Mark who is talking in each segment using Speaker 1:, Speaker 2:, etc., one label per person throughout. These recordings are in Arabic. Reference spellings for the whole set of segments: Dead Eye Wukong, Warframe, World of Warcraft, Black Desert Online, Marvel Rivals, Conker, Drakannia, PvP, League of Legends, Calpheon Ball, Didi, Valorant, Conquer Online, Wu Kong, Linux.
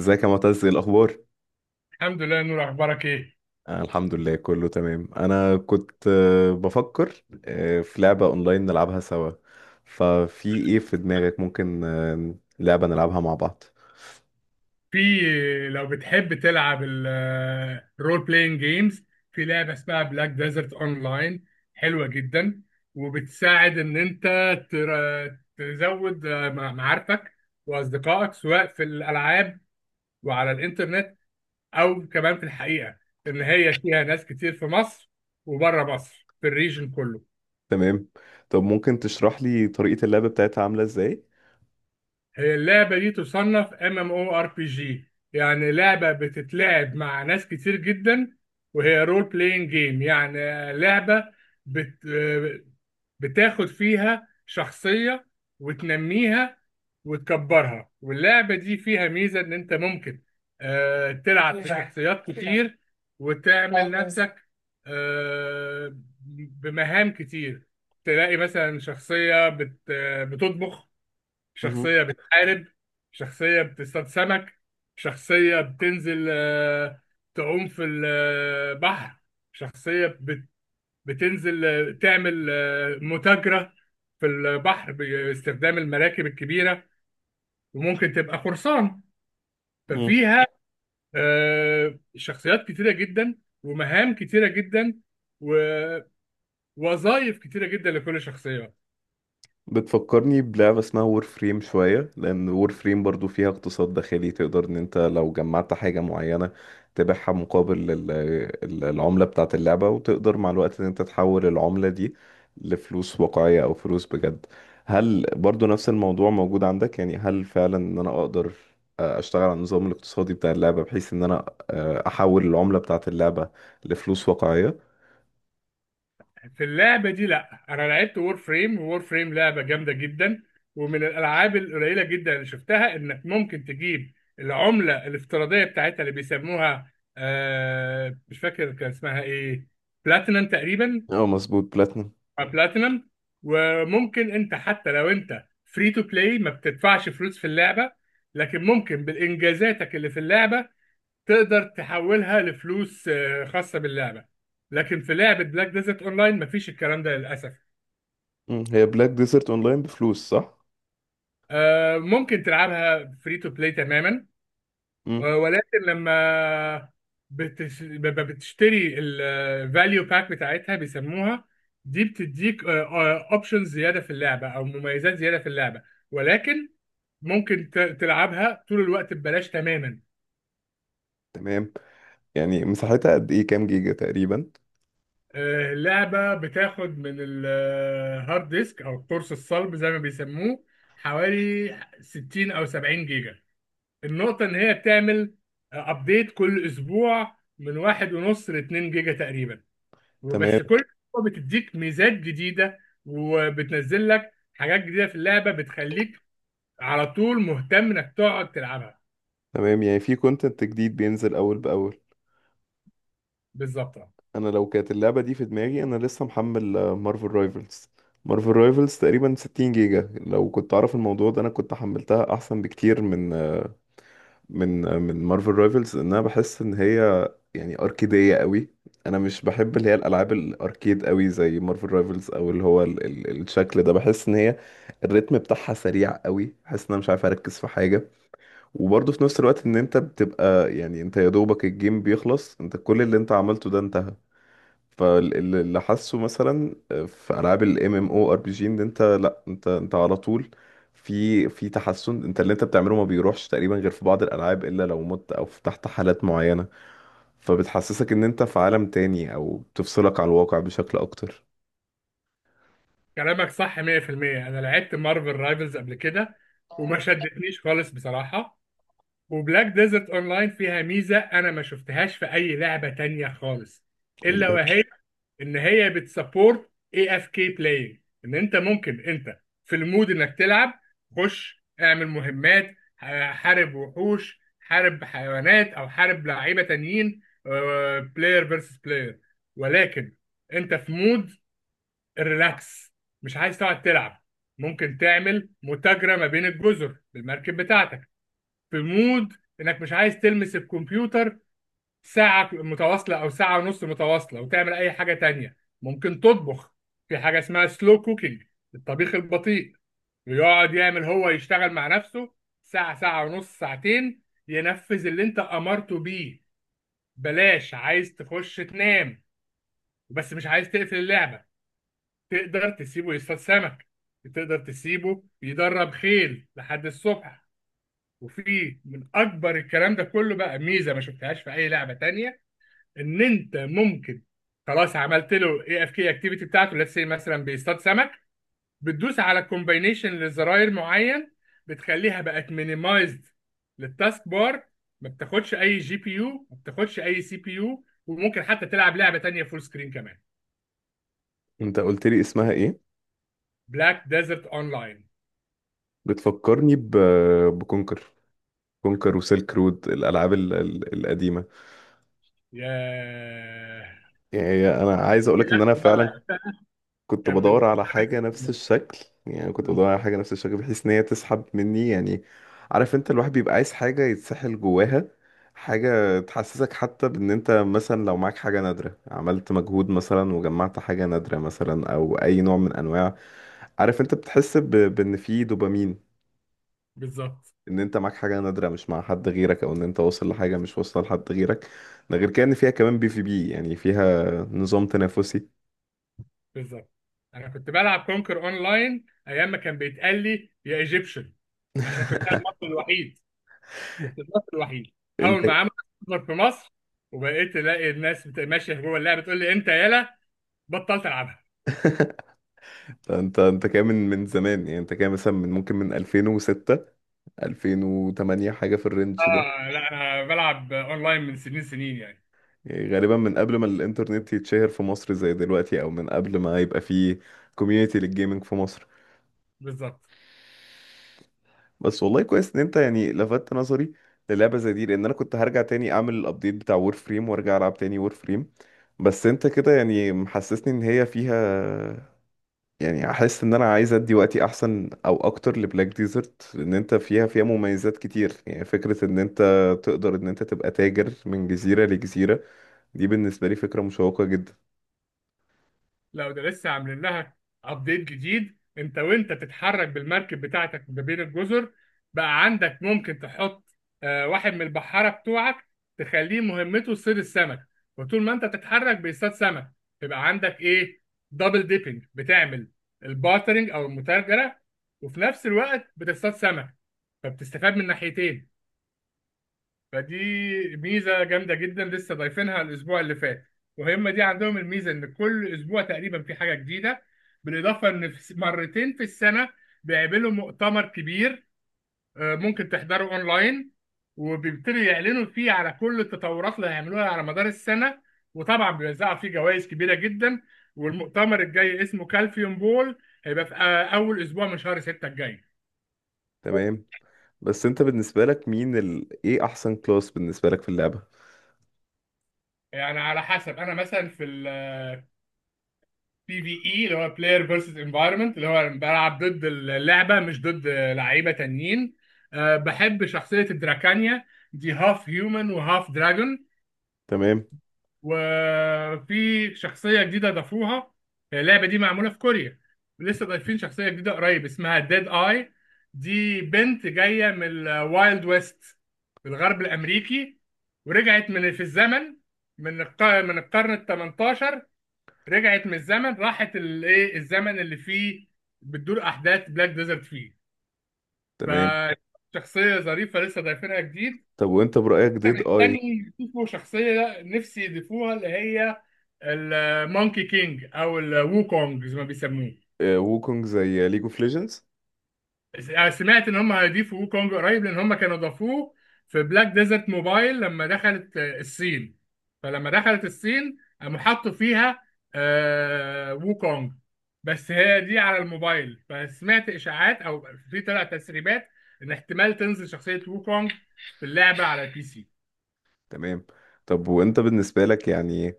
Speaker 1: ازيك يا معتز؟ ايه الاخبار؟
Speaker 2: الحمد لله يا نور، اخبارك ايه؟
Speaker 1: آه، الحمد لله كله تمام. انا كنت بفكر في لعبة اونلاين نلعبها سوا. ففي ايه في دماغك؟ ممكن لعبة نلعبها مع بعض؟
Speaker 2: في، لو بتحب تلعب الرول بلاينج جيمز في لعبه اسمها بلاك ديزرت اونلاين. حلوه جدا وبتساعد ان انت تزود معارفك واصدقائك سواء في الالعاب وعلى الانترنت او كمان في الحقيقه ان هي فيها ناس كتير في مصر وبره مصر في الريجن كله.
Speaker 1: تمام. طب ممكن تشرح لي طريقة اللعبة بتاعتها عاملة ازاي؟
Speaker 2: هي اللعبة دي تصنف ام ام او ار بي جي، يعني لعبة بتتلعب مع ناس كتير جدا، وهي رول بلاينج جيم، يعني لعبة بت... بتاخد فيها شخصية وتنميها وتكبرها. واللعبة دي فيها ميزة ان انت ممكن تلعب في شخصيات كتير وتعمل نفسك آه، بمهام كتير. تلاقي مثلا شخصية بتطبخ، شخصية بتحارب، شخصية بتصطاد سمك، شخصية بتنزل تعوم في البحر، شخصية بتنزل تعمل متاجرة في البحر باستخدام المراكب الكبيرة، وممكن تبقى قرصان.
Speaker 1: مهم.
Speaker 2: ففيها شخصيات كتيرة جدا، ومهام كتيرة جدا، ووظائف كتيرة جدا لكل شخصية.
Speaker 1: بتفكرني بلعبة اسمها وور فريم شوية، لأن وور فريم برضو فيها اقتصاد داخلي، تقدر إن أنت لو جمعت حاجة معينة تبيعها مقابل العملة بتاعة اللعبة، وتقدر مع الوقت إن أنت تحول العملة دي لفلوس واقعية أو فلوس بجد. هل برضو نفس الموضوع موجود عندك؟ يعني هل فعلا إن أنا أقدر أشتغل على النظام الاقتصادي بتاع اللعبة بحيث إن أنا أحول العملة بتاعة اللعبة لفلوس واقعية؟
Speaker 2: في اللعبة دي، لا، أنا لعبت وور فريم. وور فريم لعبة جامدة جدا، ومن الألعاب القليلة جدا اللي شفتها إنك ممكن تجيب العملة الافتراضية بتاعتها اللي بيسموها، مش فاكر كان اسمها إيه، بلاتينم تقريبا،
Speaker 1: اه، مظبوط، بلاتنم.
Speaker 2: أو بلاتينم. وممكن أنت حتى لو أنت فري تو بلاي، ما بتدفعش فلوس في اللعبة، لكن ممكن بالإنجازاتك اللي في اللعبة تقدر تحولها لفلوس خاصة باللعبة. لكن في لعبة بلاك ديزرت أونلاين مفيش الكلام ده للأسف.
Speaker 1: هي بلاك ديزرت اونلاين بفلوس صح؟
Speaker 2: ممكن تلعبها فري تو بلاي تماما.
Speaker 1: مم.
Speaker 2: ولكن لما بتشتري الفاليو باك بتاعتها بيسموها، دي بتديك اوبشنز زياده في اللعبه او مميزات زياده في اللعبه. ولكن ممكن تلعبها طول الوقت ببلاش تماما.
Speaker 1: تمام، يعني مساحتها قد ايه؟ كام جيجا تقريبا؟
Speaker 2: اللعبه بتاخد من الهارد ديسك او القرص الصلب زي ما بيسموه حوالي 60 او 70 جيجا. النقطة إن هي بتعمل أبديت كل أسبوع من واحد ونص لاتنين جيجا تقريبا،
Speaker 1: تمام،
Speaker 2: وبس كل أسبوع بتديك ميزات جديدة وبتنزل لك حاجات جديدة في اللعبة بتخليك على طول مهتم إنك تقعد تلعبها.
Speaker 1: تمام. يعني في كونتنت جديد بينزل اول باول.
Speaker 2: بالظبط، أه.
Speaker 1: انا لو كانت اللعبه دي في دماغي، انا لسه محمل مارفل رايفلز. مارفل رايفلز تقريبا 60 جيجا. لو كنت اعرف الموضوع ده انا كنت حملتها احسن بكتير من من مارفل رايفلز. ان انا بحس ان هي يعني اركيديه قوي. انا مش بحب اللي هي الالعاب الاركيد قوي زي مارفل رايفلز، او اللي هو ال الشكل ده. بحس ان هي الريتم بتاعها سريع قوي، بحس ان انا مش عارف اركز في حاجه. وبرضه في نفس الوقت ان انت بتبقى يعني انت يا دوبك الجيم بيخلص، انت كل اللي انت عملته ده انتهى. فاللي حاسه مثلا في العاب الام ام او ار بي جي، ان انت، لا، انت على طول في تحسن. انت اللي انت بتعمله ما بيروحش تقريبا، غير في بعض الالعاب الا لو مت او فتحت حالات معينة. فبتحسسك ان انت في عالم تاني او بتفصلك عن الواقع بشكل اكتر.
Speaker 2: كلامك صح 100%. أنا لعبت مارفل رايفلز قبل كده وما شدتنيش خالص بصراحة. وبلاك ديزرت أونلاين فيها ميزة أنا ما شفتهاش في أي لعبة تانية خالص، إلا
Speaker 1: ال-
Speaker 2: وهي ان هي بتسبورت اي اف كي بلاينج. ان انت ممكن انت في المود انك تلعب، خش اعمل مهمات، حارب وحوش، حارب حيوانات، او حارب لعيبه تانيين، بلاير فيرسس بلاير. ولكن انت في مود الريلاكس، مش عايز تقعد تلعب، ممكن تعمل متاجرة ما بين الجزر بالمركب بتاعتك. في مود انك مش عايز تلمس الكمبيوتر ساعة متواصلة أو ساعة ونص متواصلة وتعمل أي حاجة تانية، ممكن تطبخ. في حاجة اسمها سلو كوكينج، الطبيخ البطيء، ويقعد يعمل، هو يشتغل مع نفسه ساعة، ساعة ونص، ساعتين، ينفذ اللي انت أمرته بيه. بلاش، عايز تخش تنام بس مش عايز تقفل اللعبة، تقدر تسيبه يصطاد سمك، تقدر تسيبه يدرب خيل لحد الصبح. وفي من أكبر الكلام ده كله بقى ميزة ما شفتهاش في أي لعبة تانية، ان انت ممكن، خلاص عملت له اي اف كي اكتيفيتي بتاعته، ليتس سي مثلا بيصطاد سمك، بتدوس على كومباينيشن لزراير معين، بتخليها بقت مينيمايزد للتاسك بار، ما بتاخدش اي جي بي يو، ما بتاخدش اي سي بي يو، وممكن حتى تلعب لعبه تانيه فول سكرين كمان.
Speaker 1: انت قلت لي اسمها ايه؟
Speaker 2: بلاك ديزرت اونلاين.
Speaker 1: بتفكرني بكونكر. كونكر وسيلك رود، الالعاب القديمة.
Speaker 2: ياه،
Speaker 1: يعني انا عايز
Speaker 2: دي
Speaker 1: اقولك ان انا
Speaker 2: آخر مرة
Speaker 1: فعلا
Speaker 2: لعبتها
Speaker 1: كنت
Speaker 2: كان من
Speaker 1: بدور على
Speaker 2: ثمان
Speaker 1: حاجه نفس
Speaker 2: سنين.
Speaker 1: الشكل. يعني كنت
Speaker 2: مم.
Speaker 1: بدور على حاجه نفس الشكل بحيث ان هي تسحب مني. يعني عارف انت، الواحد بيبقى عايز حاجه يتسحل جواها، حاجه تحسسك حتى بان انت مثلا لو معاك حاجه نادره، عملت مجهود مثلا وجمعت حاجه نادره مثلا او اي نوع من انواع. عارف انت، بتحس بان في دوبامين،
Speaker 2: بالظبط
Speaker 1: ان انت معاك حاجه نادره مش مع حد غيرك، او ان انت واصل لحاجه مش واصله لحد غيرك. ده غير كده ان فيها كمان بي في بي، يعني فيها نظام تنافسي.
Speaker 2: بالظبط. انا كنت بلعب كونكر اونلاين ايام ما كان بيتقال لي يا ايجيبشن عشان كنت انا المصري الوحيد. كنت المصري الوحيد. اول
Speaker 1: انت
Speaker 2: ما عملت سيرفر في مصر وبقيت الاقي الناس ماشيه جوه اللعبه تقول لي انت يالا، بطلت العبها.
Speaker 1: انت كام من زمان؟ يعني انت كام مثلا، من ممكن من 2006، 2008، حاجه في الرينج ده؟
Speaker 2: اه لا، انا بلعب اونلاين من سنين سنين يعني.
Speaker 1: يعني غالبا من قبل ما الانترنت يتشهر في مصر زي دلوقتي، او من قبل ما يبقى فيه كوميونتي للجيمنج في مصر.
Speaker 2: بالظبط.
Speaker 1: بس والله كويس ان انت يعني لفتت نظري للعبه زي دي، لان انا كنت هرجع تاني اعمل الابديت بتاع وور فريم وارجع العب تاني وور فريم. بس انت كده يعني محسسني ان هي فيها، يعني احس ان انا عايز ادي وقتي احسن او اكتر لبلاك ديزرت، لان انت فيها مميزات كتير. يعني فكرة ان انت تقدر ان انت تبقى تاجر من جزيرة لجزيرة، دي بالنسبة لي فكرة مشوقة جدا.
Speaker 2: لو ده لسه عاملين لها ابديت جديد، انت وانت بتتحرك بالمركب بتاعتك ما بين الجزر، بقى عندك ممكن تحط واحد من البحارة بتوعك تخليه مهمته صيد السمك، وطول ما انت بتتحرك بيصطاد سمك، يبقى عندك ايه، دبل ديبنج بتعمل البارترنج او المتاجرة، وفي نفس الوقت بتصطاد سمك، فبتستفاد من ناحيتين. فدي ميزه جامده جدا لسه ضايفينها الاسبوع اللي فات. وهم دي عندهم الميزه ان كل اسبوع تقريبا في حاجه جديده. بالاضافه ان في مرتين في السنه بيعملوا مؤتمر كبير، ممكن تحضره اونلاين، وبيبتدوا يعلنوا فيه على كل التطورات اللي هيعملوها على مدار السنه، وطبعا بيوزعوا فيه جوائز كبيره جدا. والمؤتمر الجاي اسمه كالفيوم بول، هيبقى في اول اسبوع من شهر 6 الجاي.
Speaker 1: تمام. بس انت بالنسبة لك، مين ايه احسن كلاس بالنسبة لك في اللعبة؟
Speaker 2: يعني على حسب، انا مثلا في بي في اي اللي هو بلاير فيرسز انفايرمنت، اللي هو بلعب ضد اللعبه مش ضد لعيبه تانيين، أه بحب شخصيه الدراكانيا، دي هاف هيومن وهاف دراجون.
Speaker 1: تمام،
Speaker 2: وفي شخصيه جديده ضافوها، اللعبه دي معموله في كوريا، لسه ضايفين شخصيه جديده قريب اسمها ديد اي، دي بنت جايه من الوايلد ويست في الغرب الامريكي، ورجعت من في الزمن، من من القرن ال 18، رجعت من الزمن، راحت الايه الزمن اللي فيه بتدور احداث بلاك ديزرت فيه،
Speaker 1: تمام.
Speaker 2: فشخصيه ظريفه لسه ضايفينها جديد.
Speaker 1: طب وانت برأيك ديد اي؟
Speaker 2: تاني يضيفوا شخصيه، نفسي يضيفوها اللي هي المونكي كينج او الوو كونج زي ما بيسموه.
Speaker 1: ووكونج زي ليج اوف ليجندز؟
Speaker 2: سمعت ان هم هيضيفوا ووكونج قريب، لان هم كانوا ضافوه في بلاك ديزرت موبايل لما دخلت الصين. فلما دخلت الصين، قاموا حطوا فيها ووكونج، بس هي دي على الموبايل. فسمعت اشاعات او في طلع تسريبات ان احتمال تنزل شخصية ووكونج في اللعبة على البي سي.
Speaker 1: تمام. طب وانت بالنسبة لك يعني،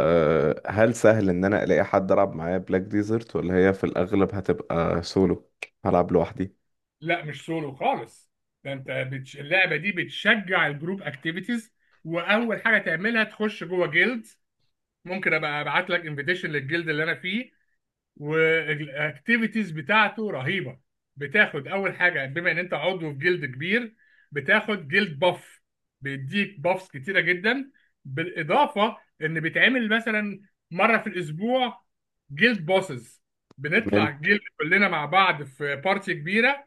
Speaker 1: هل سهل ان انا الاقي حد العب معاه بلاك ديزرت، ولا هي في الاغلب هتبقى سولو هلعب لوحدي؟
Speaker 2: لا مش سولو خالص، ده انت اللعبة دي بتشجع الجروب اكتيفيتيز. واول حاجة تعملها تخش جوه جيلد. ممكن ابقى ابعت لك انفيتيشن للجلد اللي انا فيه، والاكتيفيتيز بتاعته رهيبه. بتاخد اول حاجه، بما ان انت عضو في جلد كبير، بتاخد جلد باف، بيديك بافs كتيره جدا. بالاضافه ان بيتعمل مثلا مره في الاسبوع جلد بوسز، بنطلع
Speaker 1: تمام،
Speaker 2: جلد كلنا مع بعض في بارتي كبيره،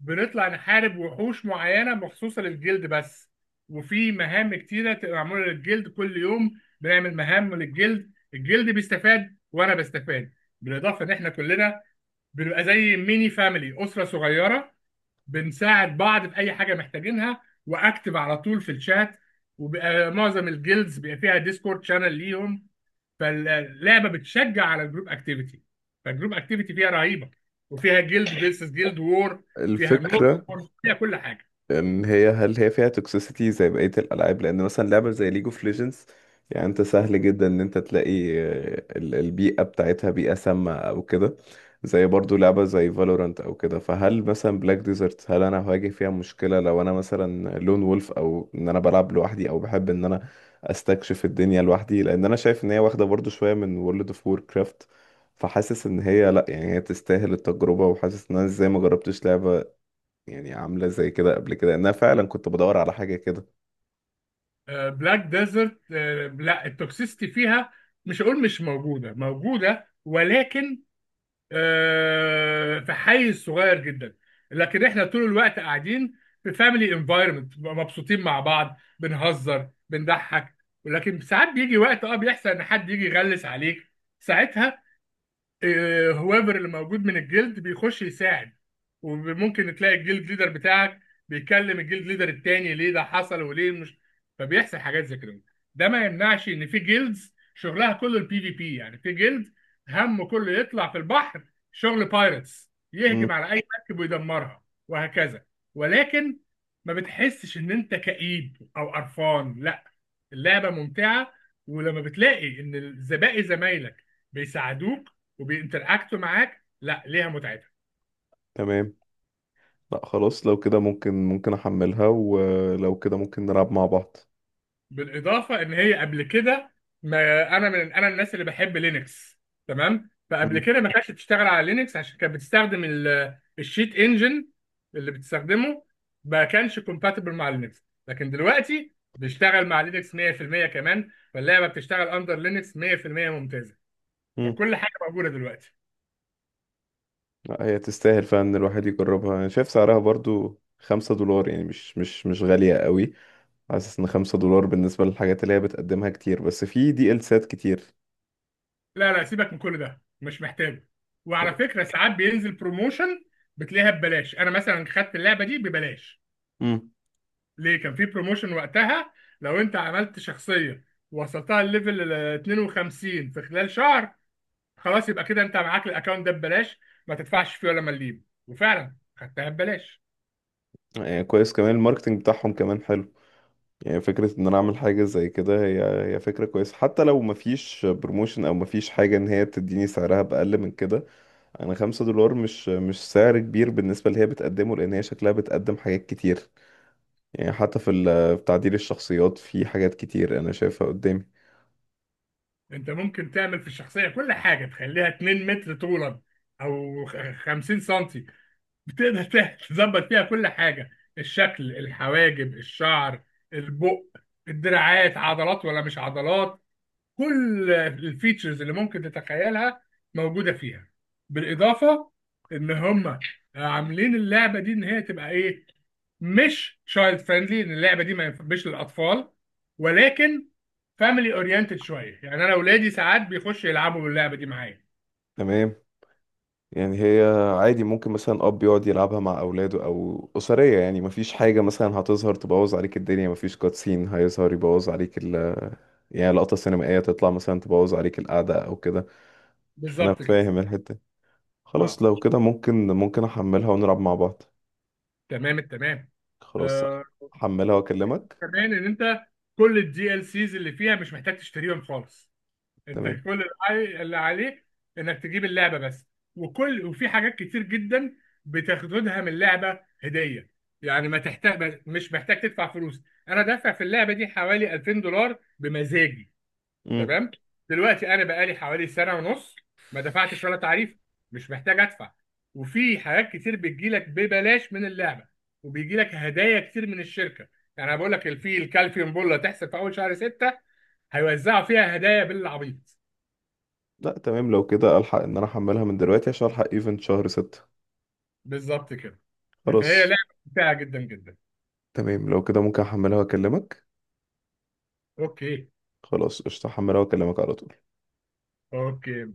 Speaker 2: بنطلع نحارب وحوش معينة مخصوصة للجلد بس. وفي مهام كتيرة تبقى معمولة للجلد، كل يوم بنعمل مهام للجلد، الجلد بيستفاد وأنا بستفاد. بالإضافة إن إحنا كلنا بنبقى زي ميني فاميلي، أسرة صغيرة، بنساعد بعض في أي حاجة محتاجينها، وأكتب على طول في الشات. وبقى معظم الجيلدز بيبقى فيها ديسكورد شانل ليهم. فاللعبه بتشجع على الجروب اكتيفيتي، فالجروب اكتيفيتي فيها رهيبه، وفيها جيلد فيرسس جيلد وور، فيها ميد
Speaker 1: الفكرة.
Speaker 2: وور، فيها كل حاجه.
Speaker 1: أم هي هل هي فيها توكسيسيتي زي بقية الألعاب، لأن مثلا لعبة زي ليج اوف ليجندز، يعني أنت سهل جدا إن أنت تلاقي البيئة بتاعتها بيئة سامة أو كده، زي برضو لعبة زي فالورانت أو كده. فهل مثلا بلاك ديزرت، هل أنا هواجه فيها مشكلة لو أنا مثلا لون وولف، أو إن أنا بلعب لوحدي، أو بحب إن أنا أستكشف الدنيا لوحدي؟ لأن أنا شايف إن هي واخدة برضو شوية من وورلد اوف وور كرافت، فحاسس إن هي لأ، يعني هي تستاهل التجربة. وحاسس إن أنا إزاي ما جربتش لعبة يعني عاملة زي كده قبل كده. انا فعلا كنت بدور على حاجة كده.
Speaker 2: بلاك ديزرت. لا التوكسيستي فيها، مش هقول مش موجوده، موجوده، ولكن في حيز صغير جدا. لكن احنا طول الوقت قاعدين في فاميلي انفايرمنت، مبسوطين مع بعض بنهزر بنضحك. ولكن ساعات بيجي وقت، اه، بيحصل ان حد يجي يغلس عليك، ساعتها هوافر اللي موجود من الجلد بيخش يساعد، وممكن تلاقي الجلد ليدر بتاعك بيكلم الجلد ليدر التاني ليه ده حصل وليه مش. فبيحصل حاجات زي كده. ده ما يمنعش ان في جيلدز شغلها كله البي في بي، يعني في جيلد همه كله يطلع في البحر شغل بايرتس،
Speaker 1: امم.
Speaker 2: يهجم على اي مركب ويدمرها، وهكذا. ولكن ما بتحسش ان انت كئيب او قرفان، لا، اللعبه ممتعه. ولما بتلاقي ان الزبائن زمايلك بيساعدوك وبينتراكتوا معاك، لا ليها متعتها.
Speaker 1: تمام. لا خلاص، لو كده ممكن احملها، ولو كده ممكن نلعب مع بعض.
Speaker 2: بالاضافه ان هي قبل كده، ما انا من الناس اللي بحب لينكس، تمام، فقبل
Speaker 1: امم،
Speaker 2: كده ما كانتش بتشتغل على لينكس عشان كانت بتستخدم الشيت انجن اللي بتستخدمه، ما كانش كومباتبل مع لينكس. لكن دلوقتي بيشتغل مع لينكس 100% كمان، فاللعبه بتشتغل اندر لينكس 100%، ممتازه،
Speaker 1: امم.
Speaker 2: فكل حاجه موجوده دلوقتي.
Speaker 1: لا، هي تستاهل فعلا ان الواحد يجربها، انا شايف سعرها برضو 5 دولار، يعني مش غالية قوي. حاسس ان 5 دولار بالنسبة للحاجات اللي هي بتقدمها كتير، بس في دي ال سات كتير
Speaker 2: لا، سيبك من كل ده، مش محتاجه. وعلى
Speaker 1: يعني.
Speaker 2: فكره ساعات بينزل بروموشن بتلاقيها ببلاش. انا مثلا خدت اللعبه دي ببلاش،
Speaker 1: امم.
Speaker 2: ليه كان في بروموشن وقتها. لو انت عملت شخصيه وصلتها الليفل ال 52 في خلال شهر، خلاص يبقى كده انت معاك الاكونت ده ببلاش، ما تدفعش فيه ولا مليم، وفعلا خدتها ببلاش.
Speaker 1: يعني كويس، كمان الماركتنج بتاعهم كمان حلو. يعني فكرة ان انا اعمل حاجة زي كده، هي فكرة كويسة، حتى لو مفيش بروموشن او مفيش حاجة ان هي تديني سعرها بأقل من كده. انا 5 دولار مش سعر كبير بالنسبة اللي هي بتقدمه، لان هي شكلها بتقدم حاجات كتير. يعني حتى في تعديل الشخصيات في حاجات كتير انا شايفها قدامي.
Speaker 2: انت ممكن تعمل في الشخصيه كل حاجه، تخليها 2 متر طولا او 50 سم. تظبط فيها كل حاجة، الشكل، الحواجب، الشعر، البق، الدراعات، عضلات ولا مش عضلات، كل الفيتشرز اللي ممكن تتخيلها موجودة فيها. بالإضافة إن هم عاملين اللعبة دي إن هي تبقى إيه، مش تشايلد فريندلي، إن اللعبة دي ما ينفعش للأطفال، ولكن فاميلي أورينتد شوية. يعني أنا أولادي ساعات بيخشوا يلعبوا باللعبة دي معايا.
Speaker 1: تمام. يعني هي عادي ممكن مثلا اب يقعد يلعبها مع اولاده او اسرية. يعني مفيش حاجة مثلا هتظهر تبوظ عليك الدنيا، مفيش كاتسين هيظهر يبوظ عليك يعني لقطة سينمائية تطلع مثلا تبوظ عليك القعدة أو كده. انا
Speaker 2: بالظبط كده.
Speaker 1: فاهم الحتة دي.
Speaker 2: أه،
Speaker 1: خلاص، لو كده ممكن احملها ونلعب مع بعض.
Speaker 2: تمام التمام.
Speaker 1: خلاص،
Speaker 2: آه.
Speaker 1: احملها واكلمك.
Speaker 2: كمان ان انت كل الدي ال سيز اللي فيها مش محتاج تشتريهم خالص، انت
Speaker 1: تمام.
Speaker 2: كل اللي اللي عليك انك تجيب اللعبه بس، وفي حاجات كتير جدا بتاخدها من اللعبه هديه. يعني ما تحتاج مش محتاج تدفع فلوس. انا دافع في اللعبه دي حوالي 2000 دولار بمزاجي.
Speaker 1: امم.
Speaker 2: تمام. دلوقتي انا بقالي حوالي سنه ونص ما دفعتش ولا تعريف، مش محتاج ادفع. وفي حاجات كتير بتجيلك ببلاش من اللعبه، وبيجيلك هدايا كتير من الشركه. يعني انا بقول لك، في الكالفيوم بول اللي هتحصل في اول شهر ستة، هيوزعوا فيها هدايا بالعبيط.
Speaker 1: لا، تمام، لو كده الحق ان انا احملها من دلوقتي عشان الحق ايفنت شهر 6.
Speaker 2: بالظبط كده. فهي
Speaker 1: خلاص.
Speaker 2: لعبه ممتعه جدا جدا.
Speaker 1: تمام، لو كده ممكن احملها واكلمك.
Speaker 2: اوكي.
Speaker 1: خلاص، قشطة، احملها واكلمك على طول.
Speaker 2: اوكي.